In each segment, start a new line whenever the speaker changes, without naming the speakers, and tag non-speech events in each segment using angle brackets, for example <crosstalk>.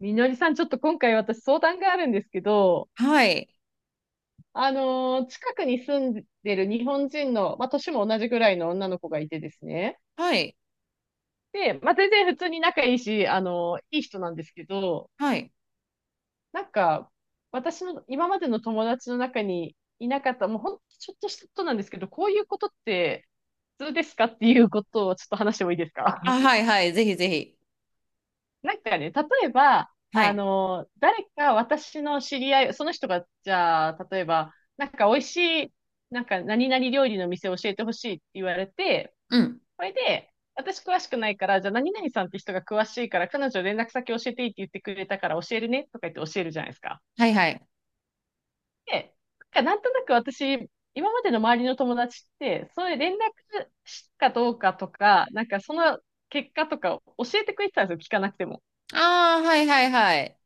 みのりさん、ちょっと今回私相談があるんですけど、
はい。
近くに住んでる日本人の、まあ、年も同じぐらいの女の子がいてですね。
はい。
で、まあ、全然普通に仲いいし、いい人なんですけど、
はい。
なんか、私の今までの友達の中にいなかった、もうほんとちょっとしたことなんですけど、こういうことって普通ですかっていうことをちょっと話してもいいですか。
あ、はいはい。ぜひぜひ。
例えば、
はい。
誰か私の知り合い、その人が、じゃあ、例えば、なんか美味しい、なんか何々料理の店を教えてほしいって言われて、
うん。
それで、私詳しくないから、じゃあ何々さんって人が詳しいから、彼女連絡先教えていいって言ってくれたから教えるねとか言って教えるじゃないですか。
はいはい。
で、なんかなんとなく私、今までの周りの友達って、そういう連絡したかどうかとか、なんかその結果とか教えてくれてたんですよ、聞かなくても。
ああ、はいはいはい。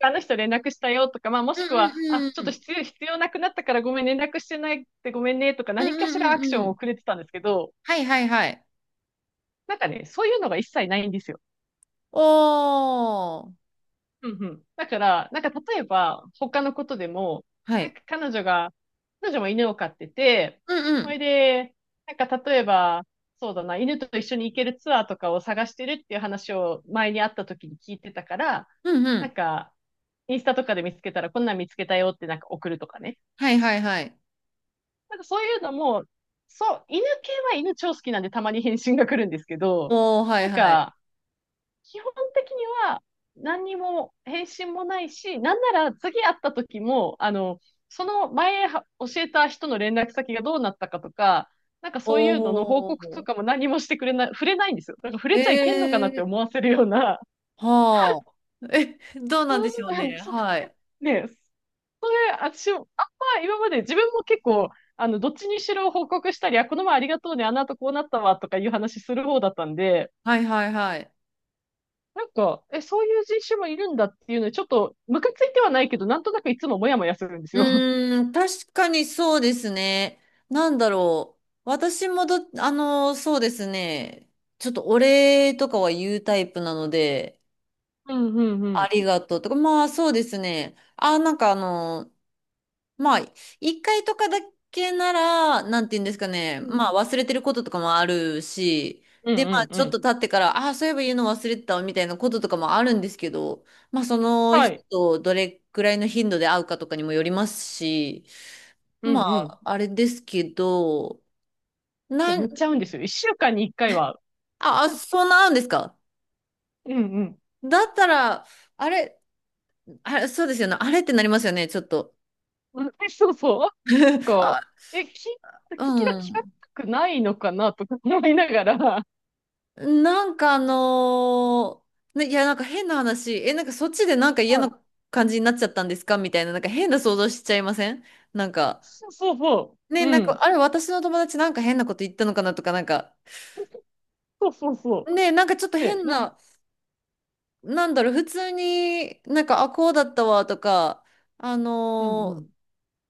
あの人連絡したよとか、まあ、も
う
しく
ん
は、あ、
うん
ちょ
う
っと
ん。
必要なくなったからごめん、連絡してないってごめんねとか、
うん
何か
う
しら
ん
アク
う
シ
ん
ョ
う
ンを
ん。
くれてたんですけど、
はいはいはい。
なんかね、そういうのが一切ないんですよ。
おー。
うんうん。だから、なんか例えば、他のことでも、
は
なん
い。
か彼女が、彼女も犬を飼ってて、
うんう
それ
ん。
で、なんか例えば、そうだな、犬と一緒に行けるツアーとかを探してるっていう話を前に会った時に聞いてたから、
うんう
な
ん。
んか、インスタとかで見つけたら、こんなん見つけたよってなんか送るとかね。
はいはいはい。
なんかそういうのも、そう、犬系は犬超好きなんでたまに返信が来るんですけど、
おー、はい
なん
はい。
か、基本的には何にも返信もないし、なんなら次会った時も、その前は教えた人の連絡先がどうなったかとか、なんかそういうのの報
お
告と
ー。
かも何もしてくれない、触れないんですよ。なんから触れちゃいけんのかなっ
え
て思
ー。
わせるような、
はあ。え、どうなん
そう
でしょう
い
ね。
う、<laughs> そう
はい。
ね、<laughs> 私も、あんま今まで自分も結構、どっちにしろ報告したり、あ、この前ありがとうね、あの後こうなったわ、とかいう話する方だったんで、
はいはいはい。
なんか、え、そういう人種もいるんだっていうのに、ちょっと、ムカついてはないけど、なんとなくいつもモヤモヤするんです
う
よ。<laughs>
ーん、確かにそうですね。なんだろう。私もそうですね。ちょっとお礼とかは言うタイプなので、
うんうんう
あ
ん。
りがとうとか、まあそうですね。なんかまあ、一回とかだけなら、なんて言うんですかね。
うん
まあ忘れてることとかもあるし、
う
で、まあ
んうんう
ちょっ
ん。
と経ってから、あ、そういえば言うの忘れてたわみたいなこととかもあるんですけど、まあその
は
人
い。
とどれくらいの頻度で会うかとかにもよりますし、
う
ま
んうん。
あ、あれですけど、
いや、
な
め
ん、
っちゃ合うんですよ。一週間に一回は。
あそうなあんですか。
うんうん。
だったら、あれ、あれ、そうですよね。あれってなりますよね、ちょっと。
<laughs> うんえそうそう。なん
あ、
か、え、聞、聞
う
きだ、聞か
ん。
たくないのかな、とか思いながら。
なんかね、いや、なんか変な話。なんかそっちでなんか嫌
は
な
い。
感じになっちゃったんですかみたいな、なんか変な想像しちゃいません？なんか、
そうそうそう。
ね、な
う
んか、
ん。
あれ、私の友達なんか変なこと言ったのかなとか、なんか、
そうそうそ
ね、なんかちょっと
う。ね、
変
な、
な、なんだろう、普通になんか、こうだったわとか、あ
うんう
の
ん。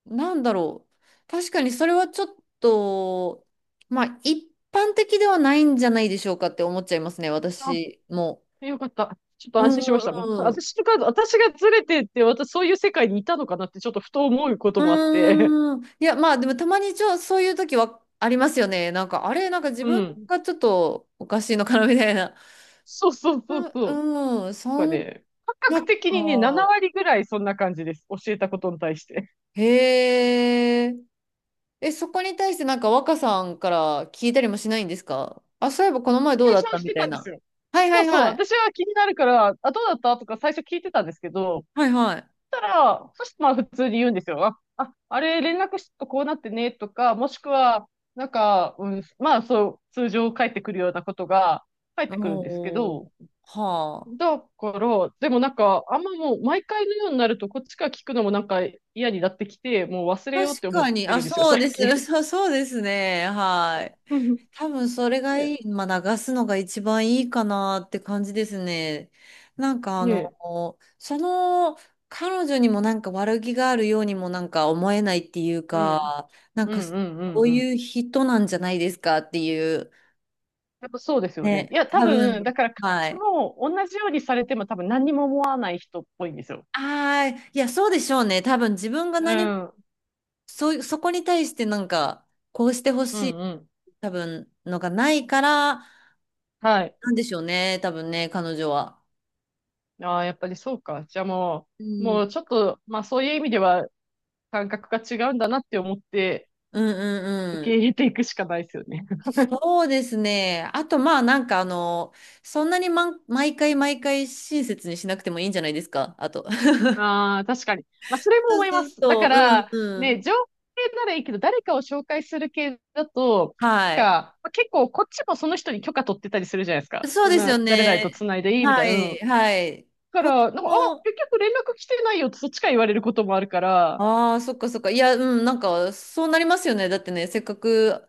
なんだろう。確かにそれはちょっと、まあ一般的ではないんじゃないでしょうかって思っちゃいますね、
あ、
私も。
よかった。ちょっと
う
安
んう
心しました。もう、
んうん。
私とか、私がずれてって、私そういう世界にいたのかなって、ちょっとふと思うこともあって。
うーん。いや、まあでもたまにそういう時はありますよね。なんか、あれ、なんか
<laughs>
自
う
分
ん。
がちょっとおかしいのかなみたいな。
そうそう
う
そうそう。
んうん。そ
なんか
ん
ね、感
な
覚的にね、7
か。
割ぐらいそんな感じです。教えたことに対して。
へえ。そこに対してなんか若さんから聞いたりもしないんですか？あ、そういえばこの前どう
最
だ
初
っ
は
た
し
み
て
た
た
い
んです
な。
よ。
はいは
そう
い
そう。
はい。
私は気になるから、あ、どうだったとか最初聞いてたんですけど、
はいはい。
たら、そしてまあ普通に言うんですよ。あ、ああれ連絡しとこうなってねとか、もしくは、なんか、うん、まあそう、通常返ってくるようなことが返ってくるんですけ
おお、
ど、
はあ。
だから、でもなんか、あんまもう毎回のようになると、こっちから聞くのもなんか嫌になってきて、もう忘れようって
確
思っ
かに、
て
あ、
るんですよ、
そうで
最近。
す。そう、そうですね。はい。
<laughs> ね
多分それがい
え。
い、まあ、流すのが一番いいかなって感じですね。なんか
ねえ。
彼女にもなんか悪気があるようにもなんか思えないっていう
うん。
か、なん
う
か
ん
そ
うんうん
う
うん。
いう人なんじゃないですかっていう。
やっぱそうですよね。い
ね、
や、多
多分、
分、だから、彼
はい。
女も同じようにされても多分何にも思わない人っぽいんですよ。
いや、そうでしょうね。多分自分が
う
何も
ん。
そういう、そこに対してなんか、こうしてほ
う
し
ん
い、
うん。
多分、のがないから、
はい。
なんでしょうね、多分ね、彼女は。
ああ、やっぱりそうか。じゃあも
う
う、も
ん。
うちょっと、まあそういう意味では感覚が違うんだなって思って
うんう
受
んう
け
ん。
入れていくしかないですよね。<laughs>
そうですね。あと、まあ、なんかそんなに、毎回毎回親切にしなくてもいいんじゃないですか、あと。<laughs>
ああ、確かに。まあそれも
そ
思
う
いま
そう
す。だ
そ
か
う、
ら、
うんうん。
ね、情報系ならいいけど、誰かを紹介する系だと、
は
なん
い。
か、まあ、結構こっちもその人に許可取ってたりするじゃないですか。
そう
そん
ですよ
な、誰々と
ね。
繋いでいいみ
は
たいな。うん。だ
い、はい。
か
こっち
ら、なんか、あ、
も、
結局連絡来てないよってそっちから言われることもあるから、
そっかそっか。いや、うん、なんか、そうなりますよね。だってね、せっかく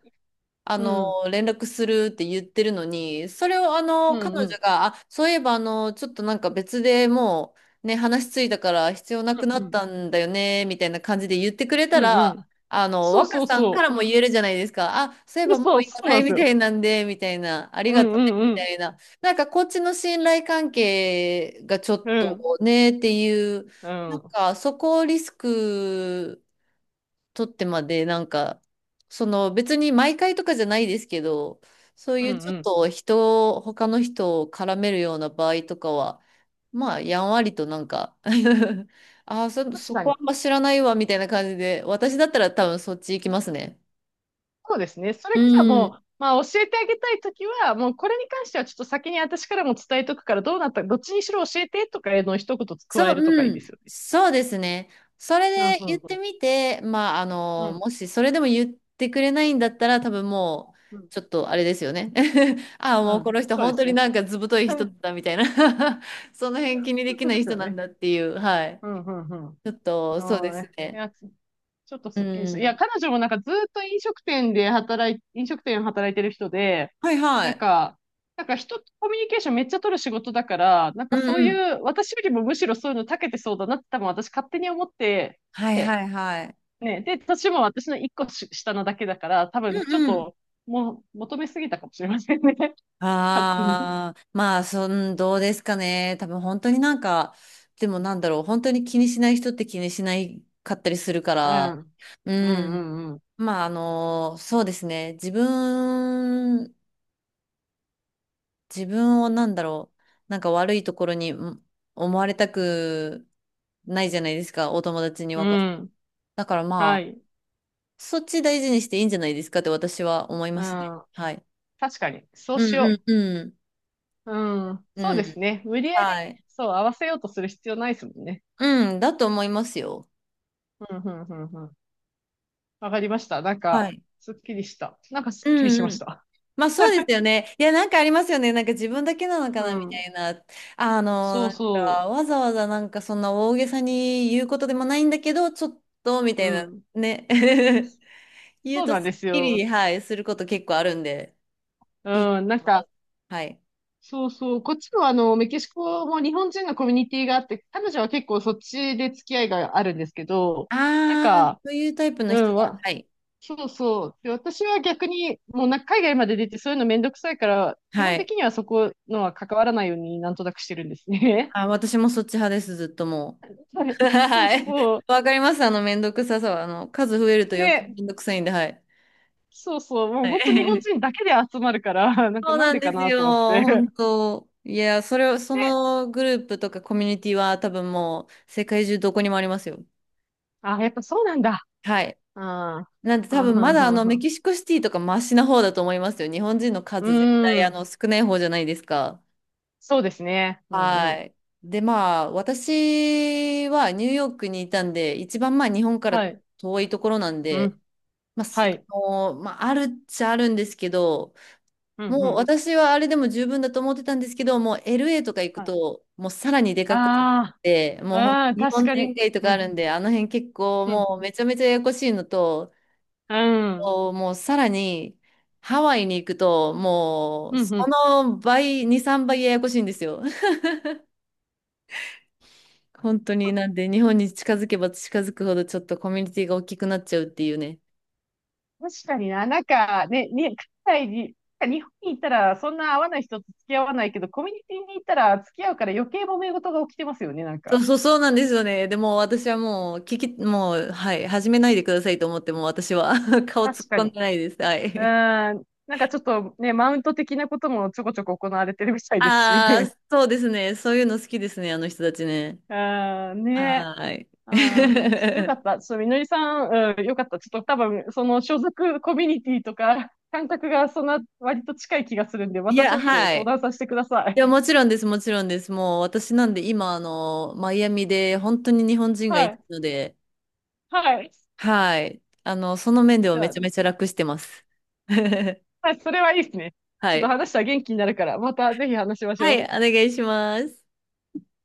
あ
う
の、
ん、
連絡するって言ってるのに、それを
うん、う
彼
ん、う
女
ん、
が、そういえばちょっとなんか別でもう、ね、話ついたから必要なくな
う
っ
ん、
たんだよね、みたいな感じで言ってくれ
う
た
ん、
ら、
うん。そう
若
そう
さんか
そ
ら
う。
も言えるじゃないですか。そういえ
<laughs>
ばも
そ
う
う
い
そ
ら
う
な
なん
い
です
み
よ。
たいなんで、みたいな、あり
う
が
ん
とうね、み
うん
たいな。なんかこっちの信頼関係がちょっ
うん。うん。
とね、っていう、
う
なん
ん。
かそこをリスク、取ってまで、なんか、その別に毎回とかじゃないですけど、そう
うん
い
う
うちょっ
ん。
と人を、他の人を絡めるような場合とかは、まあ、やんわりとなんか <laughs>
確
そ
か
こ
に。
あんま知らないわ、みたいな感じで、私だったら多分そっち行きますね。
そうですね。そ
う
れじゃあ
ん
もう、まあ教えてあげたいときは、もうこれに関してはちょっと先に私からも伝えとくから、どうなった、どっちにしろ教えてとかへのを一言加え
そう、
るとかい
う
いで
ん、
すよね。
そうですね。それ
うん
で
うん
言っ
う
て
ん。
みて、まあ、
うん
もしそれでも言ってくれないんだったら、多分もう、
うん
ちょっとあれですよね。<laughs>
う
もうこ
ん。
の人、
そうで
本当
す
に
ね。
なんかずぶと
<laughs>
い
う
人
ん
だみたいな <laughs> その辺気にで
本
き
当
な
で
い
す
人
よ
なん
ね。
だっていう、はい。
うんうんう
ちょっと、そう
ん。
で
は
す
い。い
ね。
や、ちょっと
う
すっきりした。いや、
ん。
彼女もなんかずっと飲食店で働いてる人で、
はいは
なん
い。
か、なんか人とコミュニケーションめっちゃ取る仕事だから、なん
う
かそう
んうん。
いう、私よりもむしろそういうの長けてそうだなって多分私勝手に思って、
はい
で
はいはい。
ね、で、年も私の一個し下なだけだから、多
う
分ちょっ
んうん。
と、もう、求めすぎたかもしれませんね。<laughs> 勝手に。
まあ、どうですかね。多分本当になんか、でもなんだろう、本当に気にしない人って気にしないかったりするか
う
ら、
ん。
う
うんう
ん。
んうん。
まあ、そうですね。自分、自分をなんだろう、なんか悪いところにん思われたくないじゃないですか、お友達に
うん。
だからま
は
あ、
い。
そっち大事にしていいんじゃないですかって私は思い
う
ますね。
ん。
はい。
確かに。そう
う
し
ん
よ
う
う。
んうん。
うん。
う
そうです
ん。
ね。無理やりね、
はい。
そう、合わせようとする必要ないですもんね。
うん、だと思いますよ。
うん、うん、うん、うん。わかりました。なんか、
はい。
すっきりした。なんかす
う
っきりし
ん
ま
う
し
ん。
た。
まあそうですよね。いや、なんかありますよね。なんか自分だけなのか
う
なみた
ん。
いな。
そ
な
う
ん
そ
かわざわざなんかそんな大げさに言うことでもないんだけど、ちょっとみた
う。う
いな
ん。
ね。<laughs> 言う
そう
と
なん
す
で
っ
す
き
よ。
り、はい、すること結構あるんで、いいと
うん。なん
思いま
か、
す。はい。
そうそう。こっちもあの、メキシコも日本人のコミュニティがあって、彼女は結構そっちで付き合いがあるんですけど、なんか、
そういうタイプの
う
人
ん、
だ。
わ
はい。
そうそう。で、私は逆に、もうな、海外まで出てそういうのめんどくさいから、基本
は
的
い。
にはそこのは関わらないようになんとなくしてるんですね。
私もそっち派です、ずっとも
<laughs> はい。
う。<laughs>
そう
はい。
そう。
わかります。めんどくささは、数増えると余計
ね、
めんどくさいんで、はい。
そうそう。もう
は
本当日本
い、
人だけで集まるから、なんか
そう
なん
なん
でか
です
なと思っ
よ、
て。
本当。いや、それを、そ
ね。
のグループとかコミュニティは多分もう世界中どこにもありますよ。
あ、やっぱそうなんだ。
はい。
ああ。
なんで多
はん
分ま
はん
だ
はんは
メ
ん。
キシコシティとかマシな方だと思いますよ。日本人の
う
数絶対
ーん。
少ない方じゃないですか。
そうですね。うんう
は
ん。
い。で、まあ私はニューヨークにいたんで、一番まあ日本から
はい。
遠いところなん
う
で、
ん。
まあ、す
はい。
あのまあ、あるっちゃあるんですけど、
うんう
もう
ん。
私はあれでも十分だと思ってたんですけど、もう LA とか行く
はい。
と、もうさらにでかくなっ
あ
て、もう
あ。うん。
日
確
本
かに。
人街と
う
かあ
ん。
るんで、あの辺結構
うんう
もう
ん。
めちゃめちゃややこしいのと、
うん。
もうさらにハワイに行くと、もう
う
そ
んうん
の倍、2、3倍ややこしいんですよ。<laughs> 本当になんで日本に近づけば近づくほどちょっとコミュニティが大きくなっちゃうっていうね。
確かにな、なんかね、に、海外に、なんか日本に行ったらそんな会わない人と付き合わないけど、コミュニティに行ったら付き合うから余計揉め事が起きてますよね、なん
そう <laughs>
か。
そうそうなんですよね。でも私はもうもう、はい、始めないでくださいと思って、もう私は <laughs> 顔突っ
確か
込
に。
ん
う
でないです。はい。
ーん、なんかちょっとね、マウント的なこともちょこちょこ行われてるみたいですし。<laughs> う
そうですね。そういうの好きですね、あの人たちね。
ーん、ね。
はーい。
あーちょっとよかっ
<laughs>
た。ちょっとみのりさん、うん、よかった。ちょっと多分、その所属コミュニティとか、<laughs> 感覚がそんな割と近い気がするんで、ま
い
たち
や、
ょっと
は
相
い。
談させてくださ
い
い。
や、もちろんです、もちろんです。もう私なんで今、マイアミで本当に日本人が
は
いない
い。
ので、
はい。
はい。その面では
じゃ
め
あ。
ちゃめちゃ楽してます。<laughs> は
はい、それはいいですね。ちょっと
い。
話したら元気になるから、またぜひ話しまし
は
ょう。
い、お願いします。